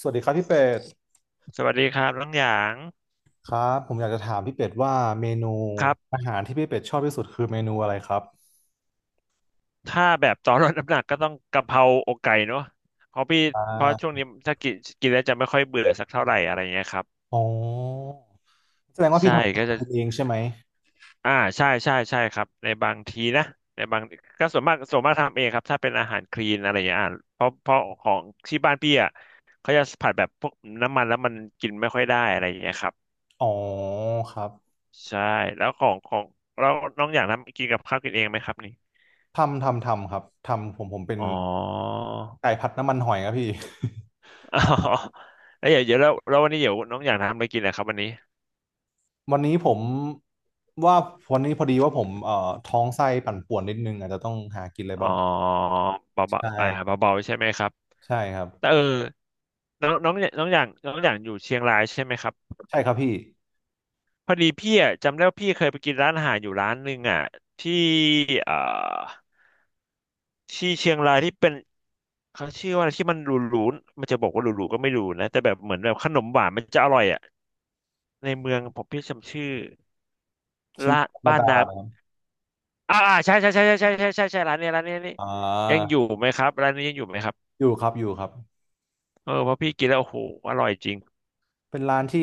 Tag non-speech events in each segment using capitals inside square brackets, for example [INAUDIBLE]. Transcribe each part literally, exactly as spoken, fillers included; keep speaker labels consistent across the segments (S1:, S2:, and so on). S1: สวัสดีครับพี่เป็ด
S2: สวัสดีครับน้องหยาง
S1: ครับผมอยากจะถามพี่เป็ดว่าเมนู
S2: ครับ
S1: อาหารที่พี่เป็ดชอบที่สุดคือเมนูอะไรครับ
S2: ถ้าแบบตอนลดน้ำหนักก็ต้องกะเพราอกไก่เนาะเพราะพี่
S1: อ่
S2: เพราะช่วง
S1: า
S2: นี้ถ้ากินกินแล้วจะไม่ค่อยเบื่อสักเท่าไหร่อะไรเงี้ยครับ
S1: อ๋อแสดงว่าพี่
S2: ใช่
S1: ทำอา
S2: ก็
S1: หาร
S2: จะ
S1: กินเองใช่ไหม
S2: อ่าใช่ใช่ใช่ครับในบางทีนะในบางก็ส่วนมากส่วนมากทำเองครับถ้าเป็นอาหารคลีนอะไรอย่างเงี้ยอ่าเพราะเพราะของที่บ้านพี่อ่ะเขาจะผัดแบบพวกน้ำมันแล้วมันกินไม่ค่อยได้อะไรอย่างเงี้ยครับ
S1: อ๋อครับ
S2: ใช่แล้วของของแล้วน้องหยางทำกินกับข้าวกินเองไหมครับนี่
S1: ทำทำทำครับทำผมผมเป็น
S2: อ๋อ
S1: ไก่ผัดน้ำมันหอยครับพี่
S2: [LAUGHS] อ๋อแล้วเดี๋ยวเดี๋ยวแล้วแล้ววันนี้เดี๋ยวน้องอยากทำอะไรกินนะครับวันนี้
S1: [LAUGHS] วันนี้ผมว่าวันนี้พอดีว่าผมเอ่อท้องไส้ปั่นป่วนนิดนึงอาจจะต้องหากินอะไร
S2: อ๋
S1: บ้า
S2: อ
S1: งใช
S2: เบาๆอ่า
S1: ่
S2: เบาๆใช่ไหมครับ
S1: ใช่ครับ
S2: แต่เออน้องน้องน้องอย่างน้องอย่างอยู่เชียงรายใช่ไหมครับ
S1: ใช่ครับพี่
S2: พอดีพี่อ่ะจำได้ว่าพี่เคยไปกินร้านอาหารอยู่ร้านหนึ่งอ่ะที่เอ่อที่เชียงรายที่เป็นเขาชื่อว่าอะไรที่มันหรูๆมันจะบอกว่าหรูๆก็ไม่หรูนะแต่แบบเหมือนแบบขนมหวานมันจะอร่อยอ่ะในเมืองผมพี่จำชื่อ
S1: ชีวิต
S2: ร้าน
S1: ธรรม
S2: บ้าน
S1: ดาเลย
S2: น้ำ
S1: ครับ
S2: อ่าอ่าใช่ใช่ใช่ใช่ใช่ใช่ใช่ใช่ร้านนี้ร้านนี้นี่
S1: อ่
S2: ยังอ
S1: า
S2: ยู่ไหมครับร้านนี้ยังอยู่ไหมครับ
S1: อยู่ครับอยู่ครับ
S2: เออเพราะพี่กินแล้วโอ้โหอร่อยจริง
S1: เป็นร้านที่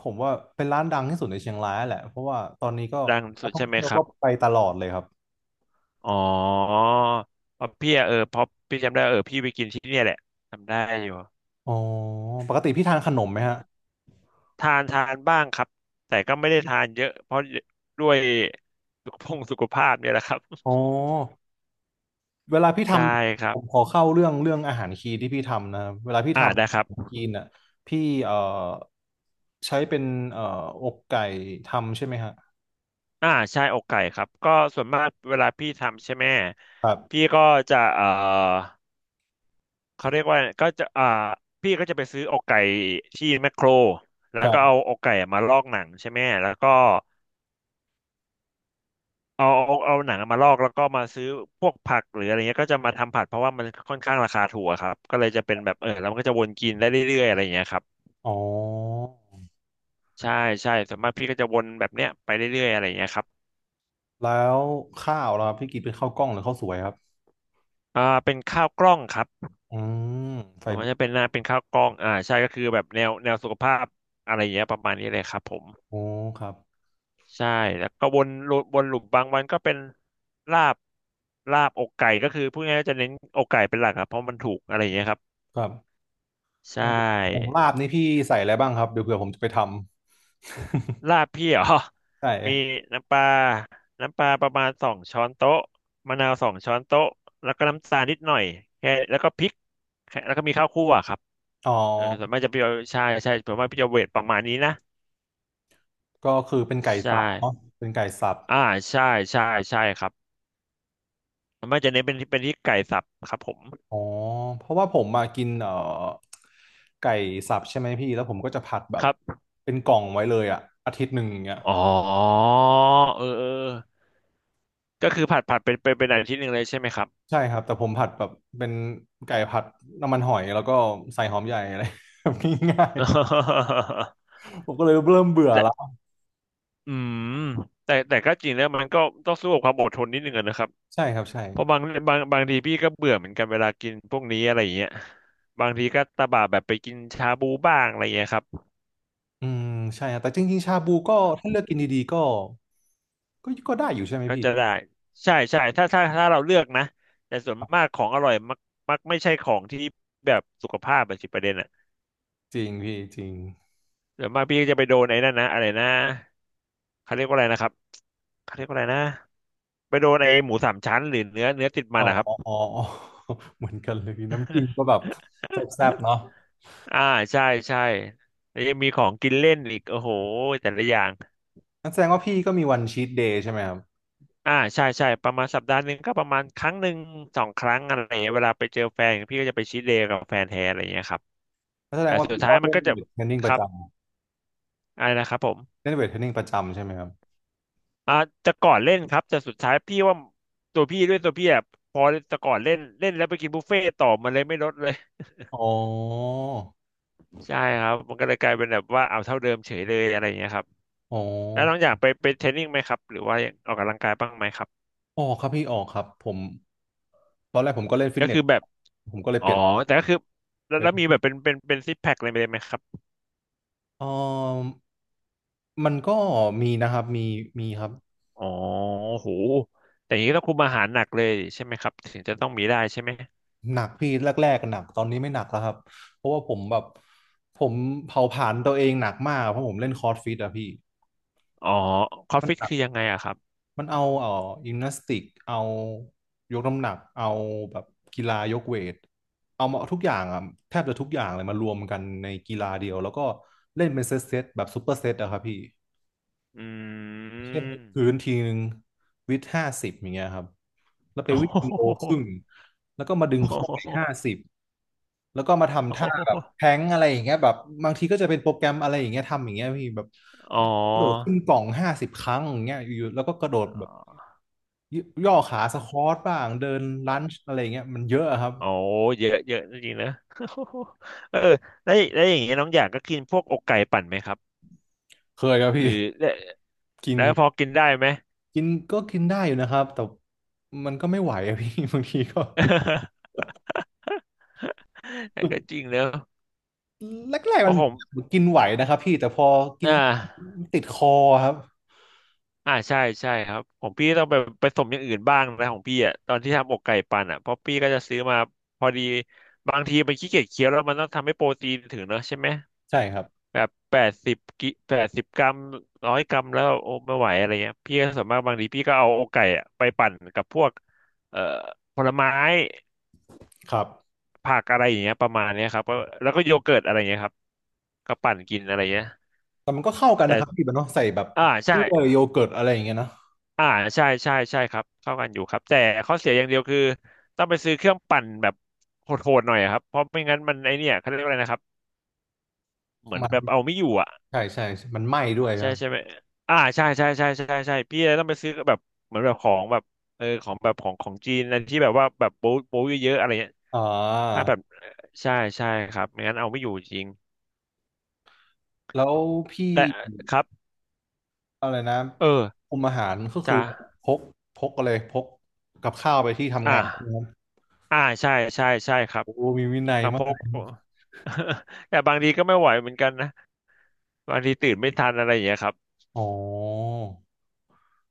S1: ผมว่าเป็นร้านดังที่สุดในเชียงรายแหละเพราะว่าตอนนี้ก็
S2: ดัง
S1: นั
S2: สุ
S1: ก
S2: ด
S1: ท่อ
S2: ใช่
S1: ง
S2: ไหม
S1: เที่ยว
S2: ครั
S1: ก็
S2: บ
S1: ไปตลอดเลยครับ
S2: อ๋อเพราะพี่อะเออเพราะพี่จำได้เออพี่ไปกินที่เนี่ยแหละจำได้อยู่
S1: อ๋อปกติพี่ทานขนมไหมฮะ
S2: ทานทานบ้างครับแต่ก็ไม่ได้ทานเยอะเพราะด้วยสุขภงสุขภาพเนี่ยแหละครับ
S1: อ๋อเวลาพี่ท
S2: ใช่ครั
S1: ำผ
S2: บ
S1: มขอเข้าเรื่องเรื่องอาหารคีนที่พี่ทำนะครับเวลาพี่
S2: อ่า
S1: ทำ
S2: ได้ค
S1: อา
S2: รับ
S1: หารคีนน่ะพี่เอ่อใช้เป็นเอ่ออกไก่ทำใช่ไหมฮะ
S2: อ่าใช่อกไก่ครับก็ส่วนมากเวลาพี่ทำใช่ไหม
S1: ครับ
S2: พี่ก็จะเอ่อ เขาเรียกว่าก็จะอ่าพี่ก็จะไปซื้ออกไก่ที่แมคโครแล้
S1: ค
S2: ว
S1: รั
S2: ก็เอา
S1: บ
S2: อกไก่มาลอกหนังใช่ไหมแล้วก็เอาเอาเอาหนังมาลอกแล้วก็มาซื้อพวกผักหรืออะไรเงี้ยก็จะมาทำผัดเพราะว่ามันค่อนข้างราคาถูกอะครับก็เลยจะเป็นแบบเออแล้วมันก็จะวนกินได้เรื่อยๆอะไรเงี้ยครับ
S1: อ๋อ
S2: ใช่ใช่ส่วนมากพี่ก็จะวนแบบเนี้ยไปเรื่อยๆอะไรเงี้ยครับ
S1: แล้วข้าวล่ะครับพี่กินเป็นข้าวกล้องหรือข้าวสวยครับ
S2: อ่าเป็นข้าวกล้องครับ
S1: อืมไฟ
S2: ผม
S1: เบอ
S2: ว่า
S1: ร์
S2: จะเป็นหน้าเป็นข้าวกล้องอ่าใช่ก็คือแบบแนวแนวสุขภาพอะไรเงี้ยประมาณนี้เลยครับผม
S1: โอ้ครับ
S2: ใช่แล้วก็วนลูวนหลุมบางวันก็เป็นลาบลาบอกไก่ก็คือพูดง่ายๆจะเน้นอกไก่เป็นหลักครับเพราะมันถูกอะไรอย่างเงี้ยครับ
S1: ครับ
S2: ใช
S1: อย่างอย่าง
S2: ่
S1: ลาบนี่พี่ใส่อะไรบ้างครับเดี๋ยวเผื่อผมจะไปทำ
S2: ลาบพี่เหรอ
S1: [LAUGHS] ใช่
S2: [LAUGHS] มีน้ำปลาน้ำปลาประมาณสองช้อนโต๊ะมะนาวสองช้อนโต๊ะแล้วก็น้ำตาลนิดหน่อยแค่แล้วก็พริกแค่แล้วก็มีข้าวคั่วครับ
S1: อ๋อ
S2: เออส่วนมากจะพี่เอาใช่ใช่ผมว่าพี่จะเวทประมาณนี้นะ
S1: ก็คือเป็นไก่
S2: ใช่
S1: สับเนาะเป็นไก่สับ
S2: อ่าใช่ใช่ใช่ครับส่วนมากจะเน้นเป็นที่เป็นที่ไก่สับครับผม
S1: อ๋อเพราะว่าผมมากินเอ่อไก่สับใช่ไหมพี่แล้วผมก็จะผัดแบ
S2: ค
S1: บ
S2: รับ
S1: เป็นกล่องไว้เลยอะอาทิตย์หนึ่งอย่างเงี้ย
S2: อ๋อเออเออก็คือผัดผัดเป็นเป็นเป็นอาทิตย์หนึ่งเลยใช่ไหมครับ
S1: ใช่ครับแต่ผมผัดแบบเป็นไก่ผัดน้ำมันหอยแล้วก็ใส่หอมใหญ่อะไร [LAUGHS] แบบง่าย
S2: [LAUGHS]
S1: ๆผมก็เลยเริ่มเบื่อ
S2: แต่
S1: แล้ว
S2: อืมแต่แต่ก็จริงแล้วมันก็ต้องสู้กับความอดทนนิดนึงอะนะครับ
S1: ใช่ครับใช่
S2: เพราะบางบางบางทีพี่ก็เบื่อเหมือนกันเวลากินพวกนี้อะไรอย่างเงี้ยบางทีก็ตะบะแบบไปกินชาบูบ้างอะไรอย่างเงี้ยครับ
S1: อืมใช่ครับแต่จริงๆชาบูก็ถ้าเลือกกินดีๆก็ก็ก็ได้อยู่ใช่ไหม
S2: ก็
S1: พี่
S2: จะได้ใช่ใช่ถ้าถ้าถ้าเราเลือกนะแต่ส่วนมากของอร่อยมักมักไม่ใช่ของที่แบบสุขภาพอะสิประเด็นอะ
S1: จริงพี่จริง
S2: เดี๋ยวมากพี่ก็จะไปโดนไอ้นั่นนะอะไรนะเขาเรียกว่าอะไรนะครับเขาเรียกว่าอะไรนะไปโดนไอ้หมูสามชั้นหรือเนื้อเนื้อติดมั
S1: อ๋
S2: น
S1: อ
S2: นะครั
S1: [LAUGHS]
S2: บ
S1: อ๋ออ๋อ [LAUGHS] เหมือนกันเลยน้ำจิ้มก็แบบแซ่บๆเนาะ
S2: [LAUGHS] อ่าใช่ใช่แล้วยังมีของกินเล่นอีกโอ้โหแต่ละอย่าง
S1: นั่นแสดงว่าพี่ก็มีวันชีทเดย์ใช่ไหมครับ
S2: อ่าใช่ใช่ประมาณสัปดาห์หนึ่งก็ประมาณครั้งหนึ่งสองครั้งอะไรอย่างเงี้ยเวลาไปเจอแฟนพี่ก็จะไปชีทเดย์กับแฟนแท้อะไรอย่างเงี้ยครับ
S1: นั่นแสด
S2: แต่
S1: งว่า
S2: สุด
S1: พี่
S2: ท้า
S1: ก็
S2: ยมั
S1: เล่
S2: น
S1: น
S2: ก็จะ
S1: เวทเทรนนิ่ง
S2: ค
S1: ประ
S2: รั
S1: จ
S2: บอะไรนะครับผ
S1: ำ
S2: ม
S1: เล่นเวทเทรนนิ่งประจำใช่ไหมครับ
S2: อ่าจะก่อนเล่นครับแต่สุดท้ายพี่ว่าตัวพี่ด้วยตัวพี่อะพอจะก่อนเล่นเล่นแล้วไปกินบุฟเฟ่ต์ต่อมันเลยไม่ลดเลย
S1: อ๋อ
S2: [LAUGHS] ใช่ครับมันก็เลยกลายเป็นแบบว่าเอาเท่าเดิมเฉยเลยอะไรอย่างเงี้ยครับ
S1: อ๋อ
S2: แล้วน้องอยากไปไปเทรนนิ่งไหมครับหรือว่ายังออกกำลังกายบ้างไหมครับ
S1: ออกครับพี่ออกครับผมตอนแรกผมก็เล่นฟิต
S2: ก็
S1: เน
S2: คื
S1: ส
S2: อแบบ
S1: ผมก็เลย
S2: อ๋
S1: เป
S2: อ
S1: ลี่ยนไป
S2: แต่ก็คือแล้วแล้วมีแบบเป็นเป็นเป็นซิกแพคอะไรไปเลยไหมครับ
S1: เออมันก็มีนะครับ มี มีครับ
S2: อ๋อโหแต่อย่างนี้ต้องคุมอาหารหนักเลยใช่ไหมครับถึงจะต้องมีได้ใช่ไหม
S1: หนักพี่แรกๆหนักตอนนี้ไม่หนักแล้วครับเพราะว่าผมแบบผมเผาผลาญตัวเองหนักมากเพราะผมเล่นคอร์สฟิตอะพี่
S2: อ๋อคอฟ
S1: มัน
S2: ฟิต
S1: แบบ
S2: คือยังไงอะครับ
S1: มันเอาเอ่อยิมนาสติก เอายกน้ำหนัก เอาแบบกีฬายกเวท เอามาทุกอย่างอ่ะแทบจะทุกอย่างเลยมารวมกันในกีฬาเดียวแล้วก็เล่นเป็นเซตเซตแบบซูเปอร์เซตอะครับพี่
S2: อื
S1: เช่น
S2: ม
S1: พื้นทีนึงวิดห้าสิบอย่างเงี้ยครับแล้วไปวิ่งโล
S2: [LAUGHS]
S1: ค
S2: โอ้
S1: รึ่งแล้วก็มาดึงเข้าไปห้า
S2: โห
S1: สิบแล้วก็มา
S2: โอ้
S1: ทำท่าแบ
S2: โห
S1: บแท้งอะไรอย่างเงี้ยแบบบางทีก็จะเป็นโปรแกรมอะไรอย่างเงี้ยทำอย่างเงี้ยพี่แบบ
S2: อ๋อ
S1: กระโดดขึ้นกล่องห้าสิบครั้งอย่างเงี้ยอยู่ๆแล้วก็กระโดดแบบยย่อขาสควอตบ้างเดินลันช์อะไรอย่างเงี้ยมันเยอะอะครับ
S2: อ๋อโอ้เยอะเยอะจริงๆนะ [LAUGHS] เออแล้วแล้วอย่างเงี้ยน้องอยากก็กินพวกอกไก่ปั่นไหมครับ
S1: เคยครับ
S2: ห
S1: พี่
S2: รือแล้ว
S1: กิน
S2: แล้วพอกินได้ไหม
S1: กินก็กินได้อยู่นะครับแต่มันก็ไม่ไหวอะพี่ [LAUGHS] บางทีก็
S2: [LAUGHS] แต่ [LAUGHS] ก็จริงเนอะ
S1: แรก
S2: เพ
S1: ๆมัน
S2: ราะ
S1: เห
S2: ผม
S1: มือนกินไหวนะครับพี่แต่พอกิ
S2: อ่
S1: น
S2: า
S1: ติดคอครับ
S2: อ่าใช่ใช่ครับของพี่ต้องไปไปสมอย่างอื่นบ้างนะของพี่อ่ะตอนที่ทำอกไก่ปั่นอ่ะเพราะพี่ก็จะซื้อมา พอดี บางทีมันขี้เกียจเคี้ยวแล้วมันต้องทำให้โปรตีนถึงเนอะใช่ไหม
S1: ใช่ครับ
S2: แบบแปดสิบกิแปดสิบกรัมร้อยกรัมแล้วโอ้ไม่ไหวอะไรเงี้ยพี่ก็ส่วนมากบางทีพี่ก็เอาอกไก่อะไปปั่นกับพวกเอ่อผลไม้
S1: ครับ
S2: ผักอะไรอย่างเงี้ยประมาณเนี้ยครับก็แล้วก็โยเกิร์ตอะไรเงี้ยครับก็ปั่นกินอะไรเงี้ย
S1: แต่มันก็เข้ากัน
S2: แต่
S1: นะครับพี่แบบเนาะใส่แบบ
S2: อ่า
S1: ก
S2: ใช่
S1: ล้วยโยเกิร์ตอะไรอย่างเงี้ยเนาะ
S2: อ่าใช่ใช่ใช่ครับเข้ากันอยู่ครับแต่ข้อเสียอย่างเดียวคือต้องไปซื้อเครื่องปั่นแบบโหดๆหน่อยอะครับเพราะไม่งั้นมันไอเนี่ยเขาเรียกว่าอะไรนะครับเหมือน
S1: มัน
S2: แบบเอาไม่อยู่อ่ะ
S1: ใช่ใช่มันไหม้ด้วยค
S2: ใช่
S1: รับ
S2: ใช่ไหมอ่าใช่ใช่ใช่ใช่ใช่ใช่พี่เลยต้องไปซื้อแบบเหมือนแบบของแบบเออของแบบของของจีนนั่นที่แบบว่าแบบโป๊ะโป๊ะเยอะๆอะไรเงี้ย
S1: อ่
S2: ถ้า
S1: า
S2: แบบใช่ใช่ครับไม่งั้นเอาไม่อยู่จริง
S1: แล้วพี่
S2: แต่ครับ
S1: อะไรนะ
S2: เออ
S1: คุมอาหารก็คือ
S2: จ้า
S1: พกพกอะไรพกกับข้าวไปที่
S2: อ่
S1: ทำงานนะครั
S2: า
S1: บ
S2: อ่าใช่ใช่ใช่ครับ
S1: โอ้มีวินัย
S2: กระเพ
S1: มาก
S2: ก [LAUGHS] แต่บางทีก็ไม่ไหวเหมือนกันนะบางทีตื่นไม่ทันอะไรอย่างเงี้ยครับ
S1: อ๋อ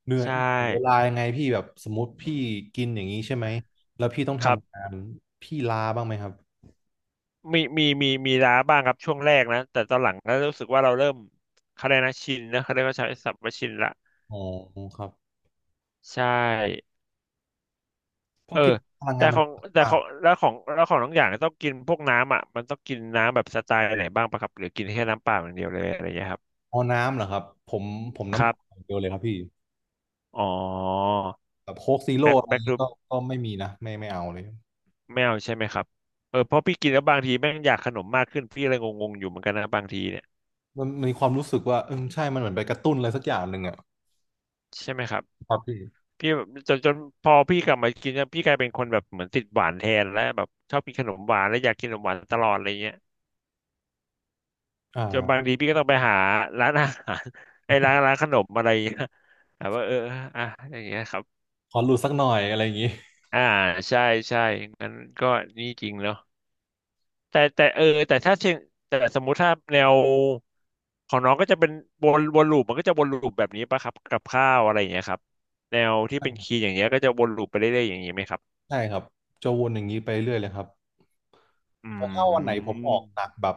S1: เหนื่อย
S2: ใช่
S1: แบ่งเวลายังไงพี่แบบสมมติพี่กินอย่างนี้ใช่ไหมแล้วพี่ต้อง
S2: ครับ
S1: ทำงานพี่ลาบ้างไหมครับ
S2: มีมีมีมีล้าบ้างครับช่วงแรกนะแต่ตอนหลังก็รู้สึกว่าเราเริ่มเขาเรียกนะชินนะเขาเรียกว่าใช้ศัพท์ว่าชินละ
S1: อ๋อครับ
S2: ใช่
S1: เพ
S2: เอ
S1: ราะ
S2: อ
S1: กินพลัง
S2: แต่
S1: งานมั
S2: ข
S1: น
S2: องแต่
S1: อ่า
S2: ของแล้วของแล้วของน้องอย่างต้องกินพวกน้ำอ่ะมันต้องกินน้ำแบบสไตล์ไหนบ้างปะครับหรือกินแค่น้ำเปล่าอย่างเดียวเลยอะไรอย่างเงี้ยครับ
S1: เอาน้ำเหรอครับผมผม
S2: ค
S1: น้ำเป
S2: รั
S1: ล่าอ
S2: บ
S1: ย่างเดียวเลยครับพี่
S2: อ๋อ
S1: แบบโค้กซีโร่
S2: แบ็ค
S1: อะไร
S2: แบ็ค
S1: นี้
S2: รูป
S1: ก็ก็ไม่มีนะไม่ไม่เอาเลย
S2: ไม่เอาใช่ไหมครับเออเพราะพี่กินแล้วบางทีแม่งอยากขนมมากขึ้นพี่เลยงงๆอยู่เหมือนกันนะบางทีเนี่ย
S1: มันมีความรู้สึกว่าเออใช่มันเหมือนไปกระตุ้นอะไรสักอย่างหนึ่งอ่ะ
S2: ใช่ไหมครับ
S1: ครับพี่
S2: พี่แบบจนจนพอพี่กลับมากินเนี่ยพี่กลายเป็นคนแบบเหมือนติดหวานแทนแล้วแบบชอบกินขนมหวานแล้วอยากกินขนมหวานตลอดอะไรเงี้ย
S1: อ่
S2: จนบาง
S1: า
S2: ทีพี่ก็ต้องไปหาร้านอาหาร [LAUGHS] ไอ้ร้านร้านขนมอะไรอย่างเงี้ย [LAUGHS] แบบว่าเอออ่ะอย่างเงี้ยครับ
S1: ขอหลุดสักหน่อยอะไรอย่างนี้
S2: อ่าใช่ใช่งั้นก็นี่จริงเนาะแต่แต่เออแต่ถ้าเชิงแต่สมมุติถ้าแนวของน้องก็จะเป็นวนวนลูปมันก็จะวนลูปแบบนี้ป่ะครับกับข้าวอะไรอย่างเงี้ยครับแนวที่เป็นคีย์อย่างเงี้ยก็จะวนลูปไปเรื่อยๆอย่างนี้ไหมครับ
S1: ใช่ครับจะวนอย่างนี้ไปเรื่อยเลยครับ
S2: อื
S1: แต่ถ้าวันไหนผมออกหนัก
S2: ม
S1: แบบ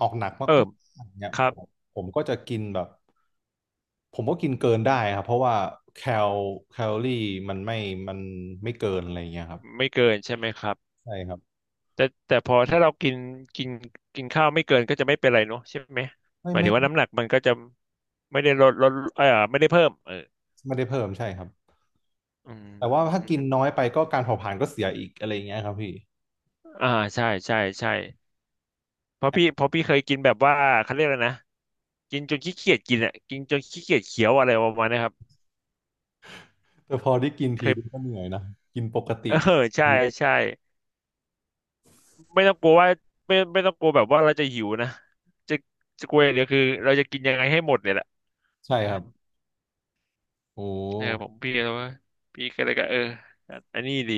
S1: ออกหนักมา
S2: เออ
S1: กๆอย่างเนี่ย
S2: ค
S1: ผ
S2: รับ
S1: มผมก็จะกินแบบผมก็กินเกินได้ครับเพราะว่าแคลแคลอรี่มันไม่มันไม่เกินอะไรอย่างเงี้ยครับ
S2: ไม่เกินใช่ไหมครับ
S1: ใช่ครับ
S2: แต่แต่พอถ้าเรากินกินกินข้าวไม่เกินก็จะไม่เป็นไรเนาะใช่ไหม
S1: ไม่
S2: หมาย
S1: ไม่
S2: ถึงว่าน้ำหนักมันก็จะไม่ได้ลดลดเออไม่ได้เพิ่มเออ
S1: ไม่ได้เพิ่มใช่ครับ
S2: อื
S1: แต่ว่าถ้า
S2: ม
S1: กินน้อยไปก็การเผาผลาญก็เสียอีกอะไรอย่างเงี้ยครับพี่
S2: อ่าใช่ใช่ใช่เพราะพี่เพราะพี่เคยกินแบบว่าเขาเรียกอะไรนะกินจนขี้เกียจกินอ่ะกินจนขี้เกียจเคี้ยวอะไรประมาณเนี้ครับ
S1: แต่พอได้กิน
S2: เค
S1: ที
S2: ย
S1: ก็เหนื่อยนะกินปก
S2: [LAUGHS] เอ
S1: ติ
S2: อใช่ใช่ไม่ต้องกลัวว่าไม่ไม่ต้องกลัวแบบว่าเราจะหิวนะจะจะกลัวอย่างเดียวคือเราจะกินยังไงให้หมดเนี่ยแหละเอ
S1: ใช่
S2: อ
S1: ครับโอ้
S2: เออผมพี่ก็เลยว่าพี่ก็เลยก็เอออันนี้ดี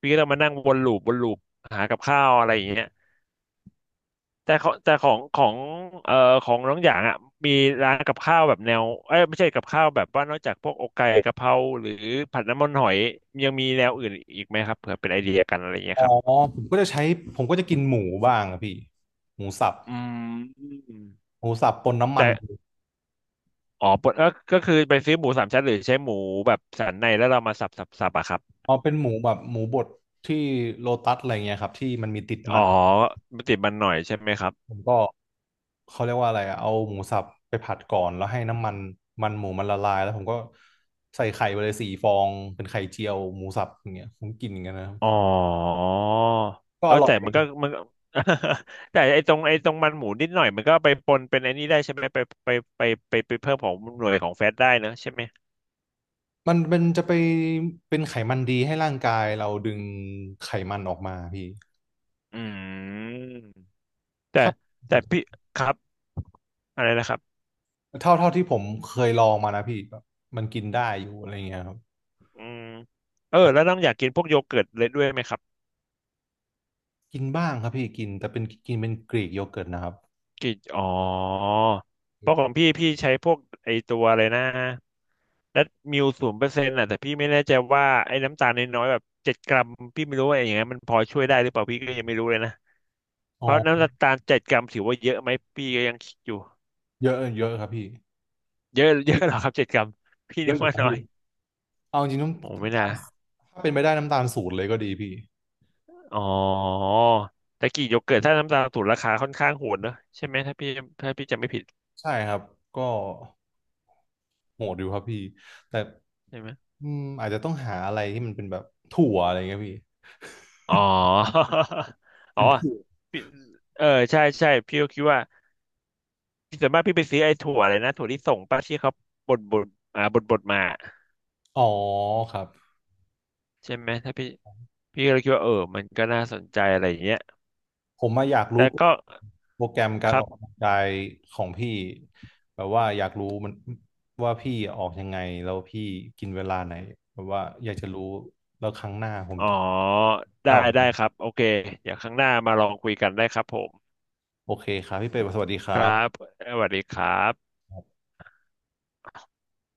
S2: พี่ก็ต้องมานั่งวนลูปวนลูปหากับข้าวอะไรอย่างเงี้ยแต่เขาแต่ของของเอ่อของน้องอยางอ่ะมีร้านกับข้าวแบบแนวเอ้ยไม่ใช่กับข้าวแบบว่านอกจากพวกอกไก่กะเพราหรือผัดน้ำมันหอยยังมีแนวอื่นอีกไหมครับเผื่อเป็นไอเดียกันอะไรอย่างเงี้
S1: อ๋
S2: ย
S1: อ
S2: ครับ
S1: ผมก็จะใช้ผมก็จะกินหมูบ้างอะพี่หมูสับ
S2: อืม
S1: หมูสับปนน้ำมัน
S2: แต่อ๋อปกก็ก็คือไปซื้อหมูสามชั้นหรือใช้หมูแบบสันในแล้วเรามาสับสับสับอะครับ
S1: เอาเป็นหมูแบบหมูบดที่โลตัสอะไรเงี้ยครับที่มันมีติด
S2: อ๋อ
S1: มัน
S2: มันติดมันหน่อยใช่ไหมครับ
S1: ผมก็เขาเรียกว่าอะไรอะเอาหมูสับไปผัดก่อนแล้วให้น้ำมันมันหมูมันละลายแล้วผมก็ใส่ไข่ไปเลยสี่ฟองเป็นไข่เจียวหมูสับอย่างเงี้ยผมกินอย่างเงี้ยนะครับ
S2: อ๋อ
S1: ก็
S2: เอ
S1: อ
S2: อ
S1: ร่อ
S2: แต่
S1: ยดี
S2: มัน
S1: ค
S2: ก็
S1: รับ
S2: มันก็ [LAUGHS] แต่ไอ้ตรงไอ้ตรงมันหมูนิดหน่อยมันก็ไปปนเป็นไอ้นี่ได้ใช่ไหมไปไปไปไปไปเพิ่มของหน่วยของแฟตได้นะใช่ไหม
S1: มันเป็นจะไปเป็นไขมันดีให้ร่างกายเราดึงไขมันออกมาพี่
S2: อืมแต่
S1: ถ้า
S2: แต่พี่ครับอะไรนะครับ
S1: เท่าเท่าที่ผมเคยลองมานะพี่แบบมันกินได้อยู่อะไรเงี้ยครับ
S2: อืมเออแล้วน้องอยากกินพวกโยเกิร์ตเลยด้วยไหมครับ
S1: กินบ้างครับพี่กินแต่เป็นกินเป็นกรีกโยเกิร์ตนะครับ
S2: กินอ๋อเพราะของพี่พี่ใช้พวกไอตัวอะไรนะ แล้วมิวศูนย์เปอร์เซ็นต์ะแต่พี่ไม่แน่ใจว่าไอ้น้ำตาลน้อยๆแบบเจ็ดกรัมพี่ไม่รู้ว่าอย่างเงี้ยมันพอช่วยได้หรือเปล่าพี่ก็ยังไม่รู้เลยนะ
S1: อ๋อ
S2: เพราะน้ำตาลเจ็ดกรัมถือว่าเยอะไหมพี่ก็ยังคิดอยู่
S1: เยอะเยอะครับพี่
S2: เยอะ [LAUGHS] เยอะเหรอครับเจ็ดกรัมพี่
S1: เย
S2: นึ
S1: อะ
S2: ก
S1: อยู่
S2: ว่า
S1: ครับ
S2: น้อ
S1: พี่
S2: ย
S1: เอาจริงๆน้
S2: โอ้ไม่น่า
S1: ำถ้าเป็นไปได้น้ำตาลศูนย์เลยก็ดีพี่
S2: อ๋อแต่กี่โยเกิร์ตถ้าน้ำตาลถูกราคาค่อนข้างโหดเนอะใช่ไหมถ้าพี่ถ้าพี่จำไม่ผิด
S1: ใช่ครับก็โหดอยู่ครับพี่แต่
S2: ใช่ไหม
S1: อืมอาจจะต้องหาอะไรที่มันเป็นแบบถั่วอะไรเงี้ยพี่
S2: อ๋อ [LAUGHS] อ๋
S1: กิ
S2: อ
S1: นถั่ว
S2: พี่เออใช่ใช่พี่ก็คิดว่าส่วนมากพี่ไปซื้อไอ้ถั่วอะไรนะถั่วที่ส่งป้าที่เขาบดบดอ่าบดบดมา
S1: อ๋อครับ
S2: ใช่ไหมถ้าพี่พี่ก็เลยคิดว่าเออมันก็น่าสนใจอะไรอย่างเงี้ย
S1: ผมมาอยากรู้
S2: แต่ก็
S1: โปรแกรมการ
S2: ค
S1: อ
S2: รั
S1: อ
S2: บ
S1: กกำลังกายของพี่แบบว่าอยากรู้มันว่าพี่ออกยังไงแล้วพี่กินเวลาไหนแบบว่าอยากจะรู้แล้วครั้งหน้าผม
S2: อ๋อ
S1: จะ
S2: ได้
S1: เอา
S2: ได้ครับโอเคเดี๋ยวครั้งหน้ามาลองคุยกันได้ครับผม
S1: โอเคครับพี่เป็ดสวัสดีค
S2: ค
S1: รั
S2: รับ
S1: บ
S2: สวัสดีครับ